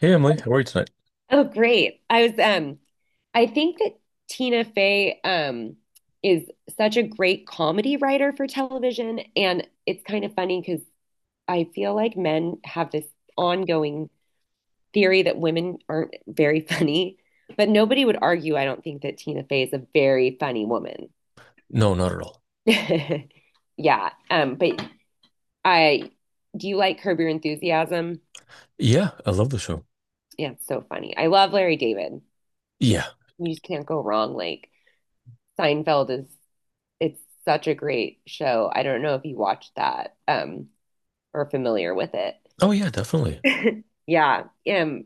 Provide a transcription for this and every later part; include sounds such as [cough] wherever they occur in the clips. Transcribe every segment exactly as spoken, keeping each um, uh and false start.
Hey Emily, how are you tonight? Oh, great. I was um I think that Tina Fey um is such a great comedy writer for television, and it's kind of funny because I feel like men have this ongoing theory that women aren't very funny, but nobody would argue, I don't think, that Tina Fey is a very funny woman. No, not at all. [laughs] Yeah. Um but I Do you like Curb Your Enthusiasm? Yeah, I love the show. Yeah, it's so funny. I love Larry David. Yeah. You just can't go wrong. Like Seinfeld is It's such a great show. I don't know if you watched that um or are familiar with it. Oh yeah, definitely. Yeah. Um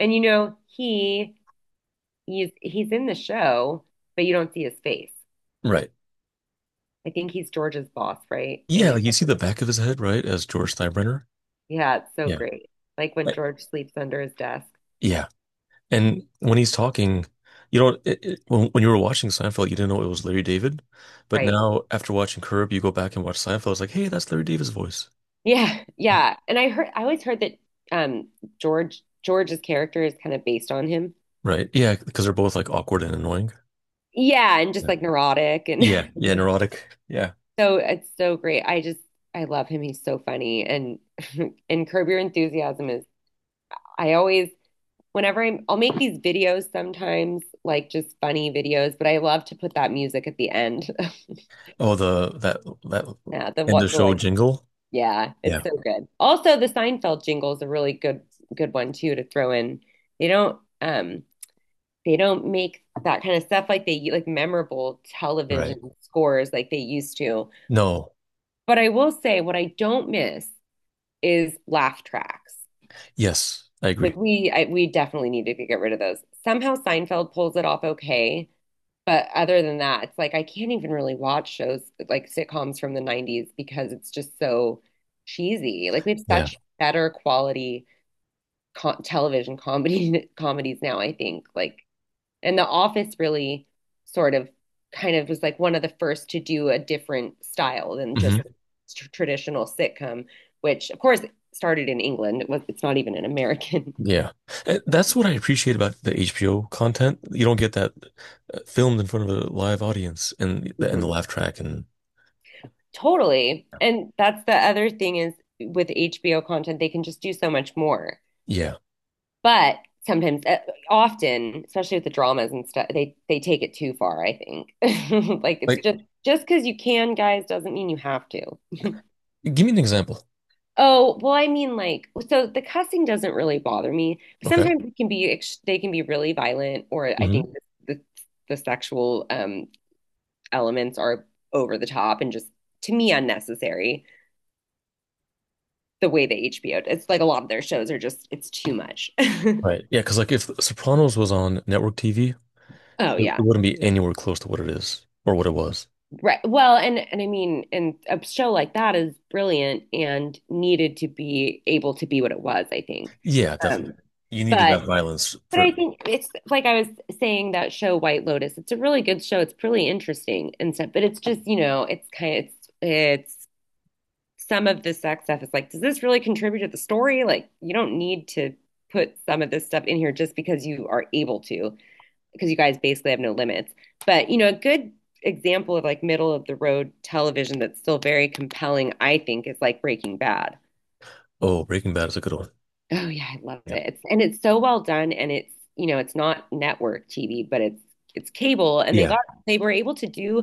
And you know, he he's he's in the show, but you don't see his face. Right. I think he's George's boss, right? Yeah, And like you see the back of his head, right, as George Steinbrenner. yeah, it's so Yeah. great. Like when I- George sleeps under his desk, Yeah. And when he's talking, you know, it, it, when when you were watching Seinfeld, you didn't know it was Larry David, but right? now after watching Curb, you go back and watch Seinfeld. It's like, hey, that's Larry David's voice. Yeah, Yeah. yeah. And I heard I always heard that um George George's character is kind of based on him. Right. Yeah, because they're both like awkward and annoying. Yeah, and just Yeah. like neurotic. And Yeah. [laughs] Yeah. Neurotic. Yeah. So it's so great. I just I love him. He's so funny. And [laughs] and Curb Your Enthusiasm is I always whenever I'm I'll make these videos sometimes, like just funny videos, but I love to put that music at the end. [laughs] Oh, the that that Yeah, the end what of the, show like jingle. Yeah, Yeah. it's so good. Also, the Seinfeld jingle is a really good good one too to throw in. They don't um they don't make that kind of stuff like they, like memorable Right. television scores, like they used to. No. But I will say, what I don't miss is laugh tracks. Yes, I agree. Like we I, we definitely need to get rid of those. Somehow Seinfeld pulls it off okay, but other than that, it's like I can't even really watch shows like sitcoms from the nineties because it's just so cheesy. Like we have Yeah. such better quality co television comedy [laughs] comedies now, I think. Like and The Office really sort of kind of was like one of the first to do a different style than Hmm. just tr- traditional sitcom, which of course started in England. It was, it's not even an American. Yeah. And that's what I appreciate about the H B O content. You don't get that uh, filmed in front of a live audience and and the Mhm. laugh track and Totally. And that's the other thing is, with H B O content, they can just do so much more. yeah. But sometimes, uh, often, especially with the dramas and stuff, they they take it too far, I think. [laughs] Like it's Like just just because you can, guys, doesn't mean you have to. give me an example. Oh, well, I mean, like, so the cussing doesn't really bother me. Okay. Sometimes it can be, ex- they can be really violent, or I Hmm. think the the sexual um elements are over the top and just to me unnecessary. The way that H B O, it's like a lot of their shows are just, it's too much. [laughs] Right. Yeah, because like if Sopranos was on network T V, Oh it yeah. wouldn't be anywhere close to what it is or what it was. Right. Well, and and I mean, and a show like that is brilliant and needed to be able to be what it was, I think. Yeah, Um, definitely. You needed but that violence But for I think it's like I was saying, that show White Lotus. It's a really good show. It's really interesting and stuff. But it's just, you know, it's kind of it's it's some of the sex stuff is like, does this really contribute to the story? Like, you don't need to put some of this stuff in here just because you are able to, because you guys basically have no limits. But, you know, a good example of like middle of the road television that's still very compelling, I think, is like Breaking Bad. Oh, Breaking Bad is a good one. Oh yeah, I love Yeah. it. It's, and it's so well done and it's, you know, it's not network T V, but it's it's cable, and they Yeah. got they were able to do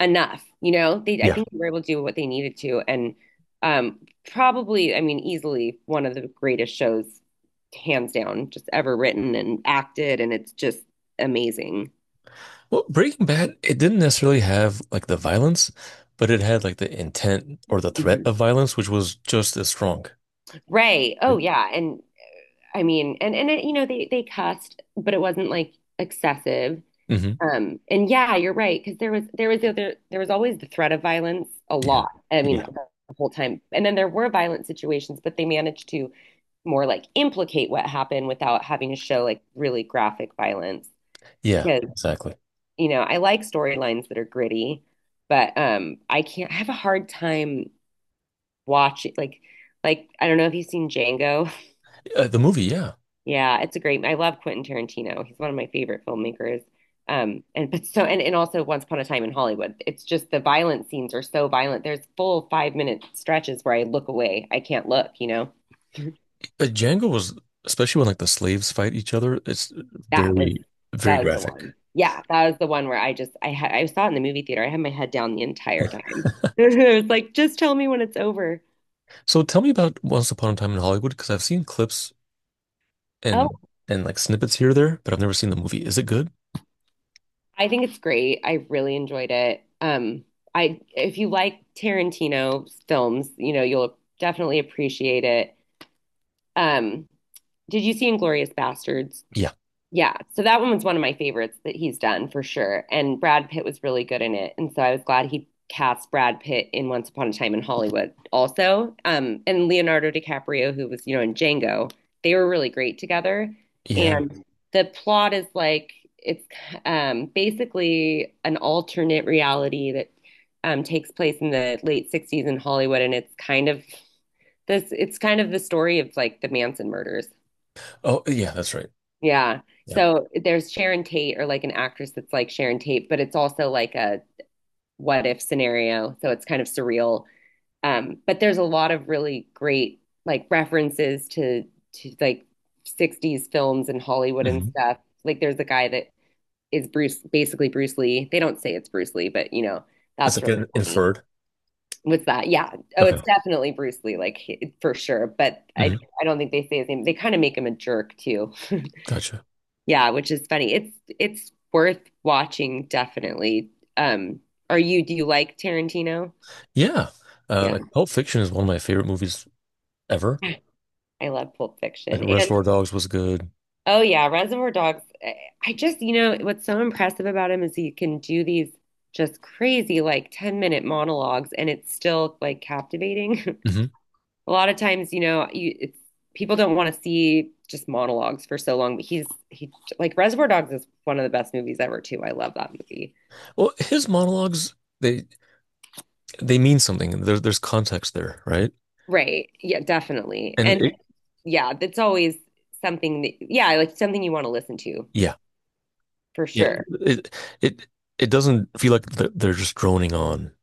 enough, you know. They I Yeah. think they were able to do what they needed to. And um probably, I mean, easily one of the greatest shows hands down just ever written and acted. And it's just amazing. Well, Breaking Bad, it didn't necessarily have like the violence, but it had like the intent or the threat Mhm. of violence, which was just as strong. Ray. Oh yeah. and I mean, and and it, you know, they they cussed, but it wasn't like excessive. Hmm. Um, and yeah, you're right, because there was there was the other there was always the threat of violence a Yeah. lot. I mean, Yeah. the whole time. And then there were violent situations, but they managed to more like implicate what happened without having to show like really graphic violence. Yeah, Because, exactly. you know, I like storylines that are gritty, but um I can't I have a hard time watching like like I don't know if you've seen Django. Uh, the movie, yeah. Yeah, it's a great. I love Quentin Tarantino. He's one of my favorite filmmakers. Um, and but so and, and also Once Upon a Time in Hollywood. It's just the violent scenes are so violent. There's full five minute stretches where I look away. I can't look, you know. [laughs] Uh, Django was, especially when like the slaves fight each other, it's That very, was very that was the graphic. one. Yeah, that was the one where I just I had I saw it in the movie theater. I had my head down the entire time. [laughs] It was like, just tell me when it's over. So tell me about Once Upon a Time in Hollywood, because I've seen clips and and like snippets here or there, but I've never seen the movie. Is it good? I think it's great. I really enjoyed it. Um, I if you like Tarantino films, you know, you'll definitely appreciate it. Um, did you see Inglorious Bastards? Yeah. Yeah, so that one was one of my favorites that he's done for sure. And Brad Pitt was really good in it. And so I was glad he cast Brad Pitt in Once Upon a Time in Hollywood also. Um, and Leonardo DiCaprio, who was, you know, in Django, they were really great together. Yeah. And the plot is like it's um, basically an alternate reality that um, takes place in the late sixties in Hollywood. And it's kind of this, it's kind of the story of like the Manson murders. Oh, yeah, that's right. Yeah. Yeah. So there's Sharon Tate, or like an actress that's like Sharon Tate, but it's also like a what if scenario. So it's kind of surreal. Um, but there's a lot of really great like references to to like sixties films and Hollywood and Hmm. stuff. Like there's a guy that is Bruce, basically Bruce Lee. They don't say it's Bruce Lee, but you know, It's that's like really an funny. inferred. What's that? Yeah. Oh, Okay. it's definitely Bruce Lee, like for sure. But I Hmm. I don't think they say his name. They kind of make him a jerk too. Gotcha. Yeah, which is funny. It's it's worth watching definitely. Um, are you Do you like Tarantino? Yeah. Uh, Yeah. like Pulp Fiction is one of my favorite movies ever. [laughs] I love Pulp Like Fiction. And Reservoir Dogs was good. oh yeah, Reservoir Dogs. I I just, you know, what's so impressive about him is he can do these just crazy like ten minute monologues, and it's still like captivating. [laughs] Hmm. A lot of times, you know, you it's people don't want to see just monologues for so long, but he's he like Reservoir Dogs is one of the best movies ever too. I love that movie. Well, his monologues they they mean something. There, there's context there, right? Right. Yeah, definitely. And And it, yeah, that's always something that, yeah, like something you want to listen to yeah, for yeah. sure. It it it doesn't feel like th- they're just droning on,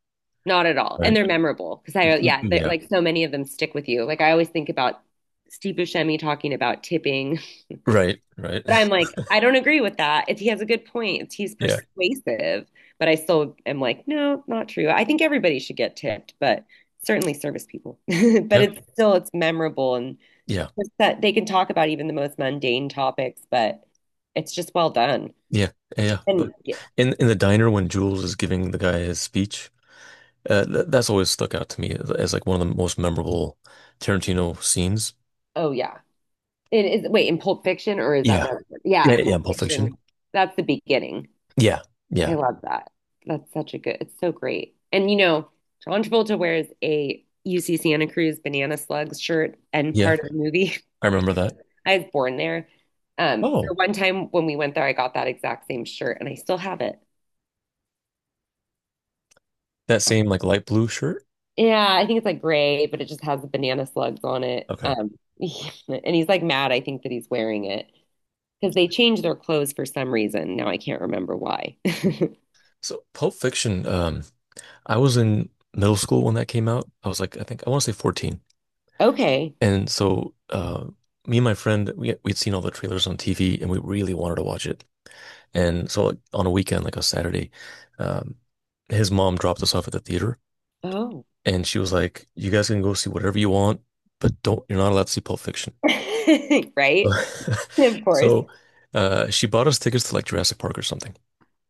Not at all. And right? they're memorable because I, yeah, they're- Yeah. like so many of them stick with you. Like I always think about Steve Buscemi talking about tipping, Right. Right. [laughs] but I'm [laughs] like, I don't agree with that. If He has a good point, he's Yeah. persuasive, but I still am like, no, not true. I think everybody should get tipped, but certainly service people. [laughs] But Yeah. it's still, it's memorable. And Yeah. it's that they can talk about even the most mundane topics, but it's just well done. Yeah. Yeah. But And yeah, in in the diner when Jules is giving the guy his speech, uh, th that's always stuck out to me as, as like one of the most memorable Tarantino scenes. oh yeah. It is, wait, in Pulp Fiction or is that Yeah. Rev- Yeah, Yeah, yeah, Pulp Pulp Fiction. Fiction. That's the beginning. Yeah, I yeah, love that. That's such a good, it's so great. And you know, John Travolta wears a U C Santa Cruz Banana Slugs shirt and yeah. part of the movie. I remember that. [laughs] I was born there. Um, Oh, so one time when we went there, I got that exact same shirt and I still have it. that same like light blue shirt. Yeah, I think it's like gray, but it just has the banana slugs on it. Okay. Um, [laughs] and he's like mad, I think, that he's wearing it because they changed their clothes for some reason. Now I can't remember why. [laughs] So Pulp Fiction, um, I was in middle school when that came out. I was like, I think I want to say fourteen. Okay. And so uh me and my friend, we we'd seen all the trailers on T V and we really wanted to watch it. And so like on a weekend, like a Saturday, um, his mom dropped us off at the theater Oh, and she was like, "You guys can go see whatever you want, but don't you're not allowed to see Pulp Fiction." [laughs] right? [laughs] Of course. So, uh, she bought us tickets to like Jurassic Park or something,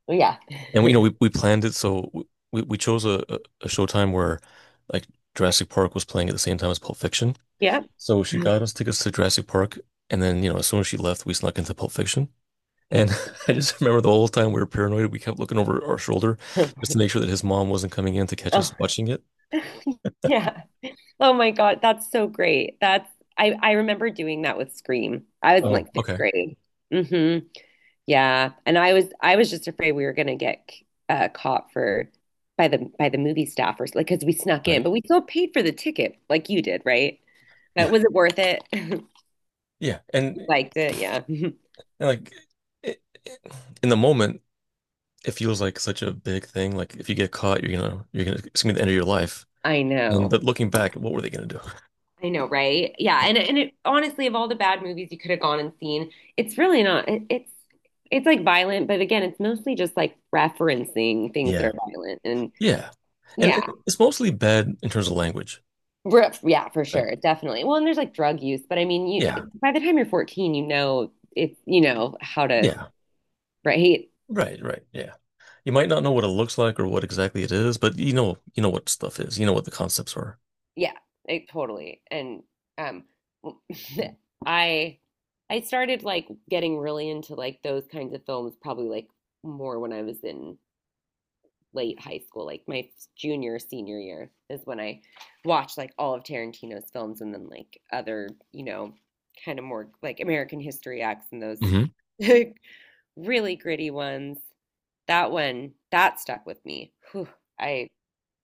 Yeah. and we, you know, we, [laughs] we planned it. So w- we we chose a a a showtime where like Jurassic Park was playing at the same time as Pulp Fiction. Yep. So she [laughs] got us tickets to Jurassic Park, and then you know, as soon as she left, we snuck into Pulp Fiction. And That's so [laughs] I cool. just remember the whole time we were paranoid. We kept looking over our shoulder just [laughs] to make sure that his mom wasn't coming in to catch Oh, us watching it. yeah. Oh my God, that's so great. That's, I I remember doing that with Scream. I was in Oh, like fifth okay, grade. Hmm. Yeah. And I was I was just afraid we were gonna get uh caught for by the by the movie staffers, like because we snuck right, in, but we still paid for the ticket, like you did, right? But yeah, was it worth it? [laughs] yeah, and, Liked it, yeah. [laughs] and like. it- it- In the moment, it feels like such a big thing. Like if you get caught, you're gonna you're gonna it's gonna be the end of your life. I And know. but looking back, what were they gonna do? I know, right? Yeah, and and it, honestly, of all the bad movies you could have gone and seen, it's really not. It, it's it's like violent, but again, it's mostly just like referencing things that Yeah. are violent, and Yeah. And yeah, it- it's mostly bad in terms of language, Re- yeah, for right? sure, definitely. Well, and there's like drug use, but I mean, Yeah. you by the time you're fourteen, you know it's you know how to Yeah. right? Right, right. Yeah. You might not know what it looks like or what exactly it is, but you know you know what stuff is. You know what the concepts are. Yeah, it, totally. And um, [laughs] I I started like getting really into like those kinds of films probably like more when I was in late high school, like my junior, senior year is when I watched like all of Tarantino's films and then like other, you know, kind of more like American History X and those Hmm. [laughs] really gritty ones. That one, that stuck with me. Whew, I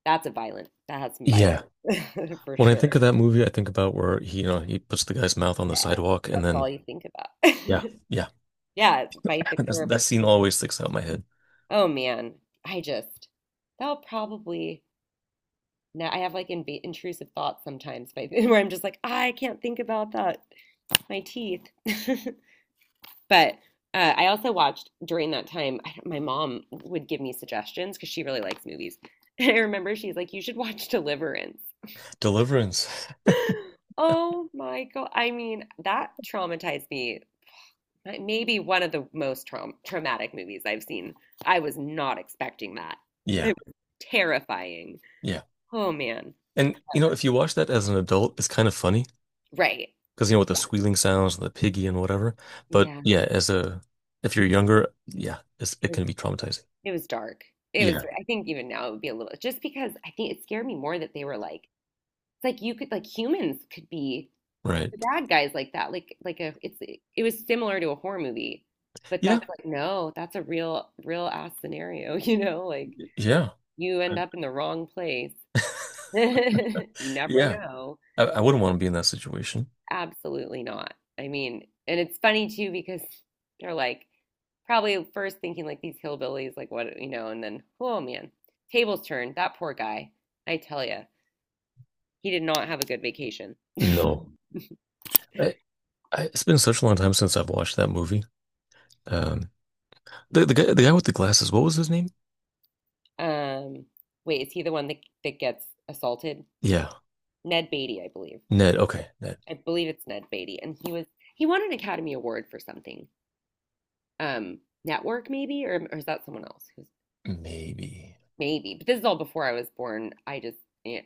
that's a violent, that has some Yeah. violence [laughs] for When I sure. think of that movie, I think about where he, you know, he puts the guy's mouth on the Yeah, sidewalk and that's all then you think yeah. about. [laughs] Yeah. Yeah, bite the [laughs] That's, curb. that It's, scene always sticks out in my head. oh man, I just, that'll probably Now I have like inv intrusive thoughts sometimes by, [laughs] where I'm just like, I can't think about that. My teeth. [laughs] But uh, I also watched during that time, I, my mom would give me suggestions because she really likes movies. [laughs] I remember she's like, you should watch Deliverance. Deliverance. [gasps] [laughs] Oh my God. I mean, that traumatized me. That may be one of the most traum traumatic movies I've seen. I was not expecting that. Yeah. It was terrifying. Yeah. Oh man. And you know, if you watch that as an adult, it's kind of funny Right. because you know with the squealing sounds and the piggy and whatever. But Yeah. yeah, as a if you're younger, yeah, it's, it Yeah. can be traumatizing. It was dark. It was, Yeah. I think even now it would be a little, just because I think it scared me more that they were like, it's like you could, like humans could be Right. the bad guys like that. Like, like a, it's, it was similar to a horror movie, but Yeah. that's like, no, that's a real, real ass scenario, [laughs] you know, like Yeah. you I- end up in the wrong place. [laughs] You never Yeah. know. I, I wouldn't want to be in that situation. Absolutely not. I mean, and it's funny too because they're like, probably at first thinking like these hillbillies, like what, you know, and then, oh man, tables turned. That poor guy. I tell you, he did not have a good vacation. No. I, I, it's been such a long time since I've watched that movie. Um, the the guy the guy with the glasses, what was his name? Um, wait, is he the one that, that gets assaulted? Yeah, Ned Beatty, I believe. Ned. Okay, Ned. I believe it's Ned Beatty. And he was, he won an Academy Award for something. Um, network maybe, or, or is that someone else? Who's Maybe. maybe? But this is all before I was born. I just, yeah,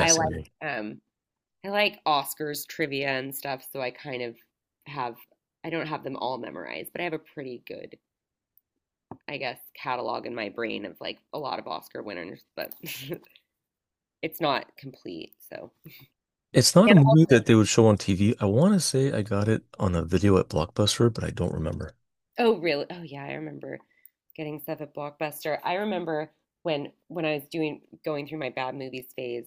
I like, um, I like Oscars trivia and stuff, so I kind of have I don't have them all memorized, but I have a pretty good, I guess, catalog in my brain of like a lot of Oscar winners, but [laughs] it's not complete. So, It's not a and movie also, that they would show on T V. I want to say I got it on a video at Blockbuster, but I don't remember. oh, really? Oh, yeah, I remember getting stuff at Blockbuster. I remember when when I was doing going through my bad movies phase,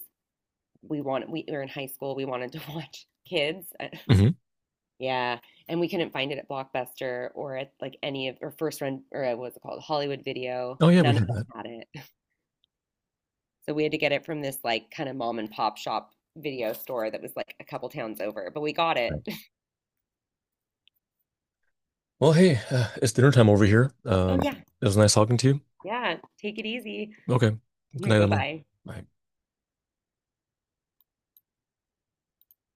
we wanted we were in high school, we wanted to [laughs] watch Kids. I Hmm. Yeah, and we couldn't find it at Blockbuster or at like any of or First Run or uh, what's it called? Hollywood Video. Oh yeah, we None of had them that. had it. [laughs] So we had to get it from this like kind of mom and pop shop video store that was like a couple towns over, but we got Right. it. [laughs] Well, hey, uh, it's dinner time over here. Oh Um, yeah. it was nice talking to you. Yeah, take it easy. Okay. [laughs] Good night, Emily. Bye-bye. Bye.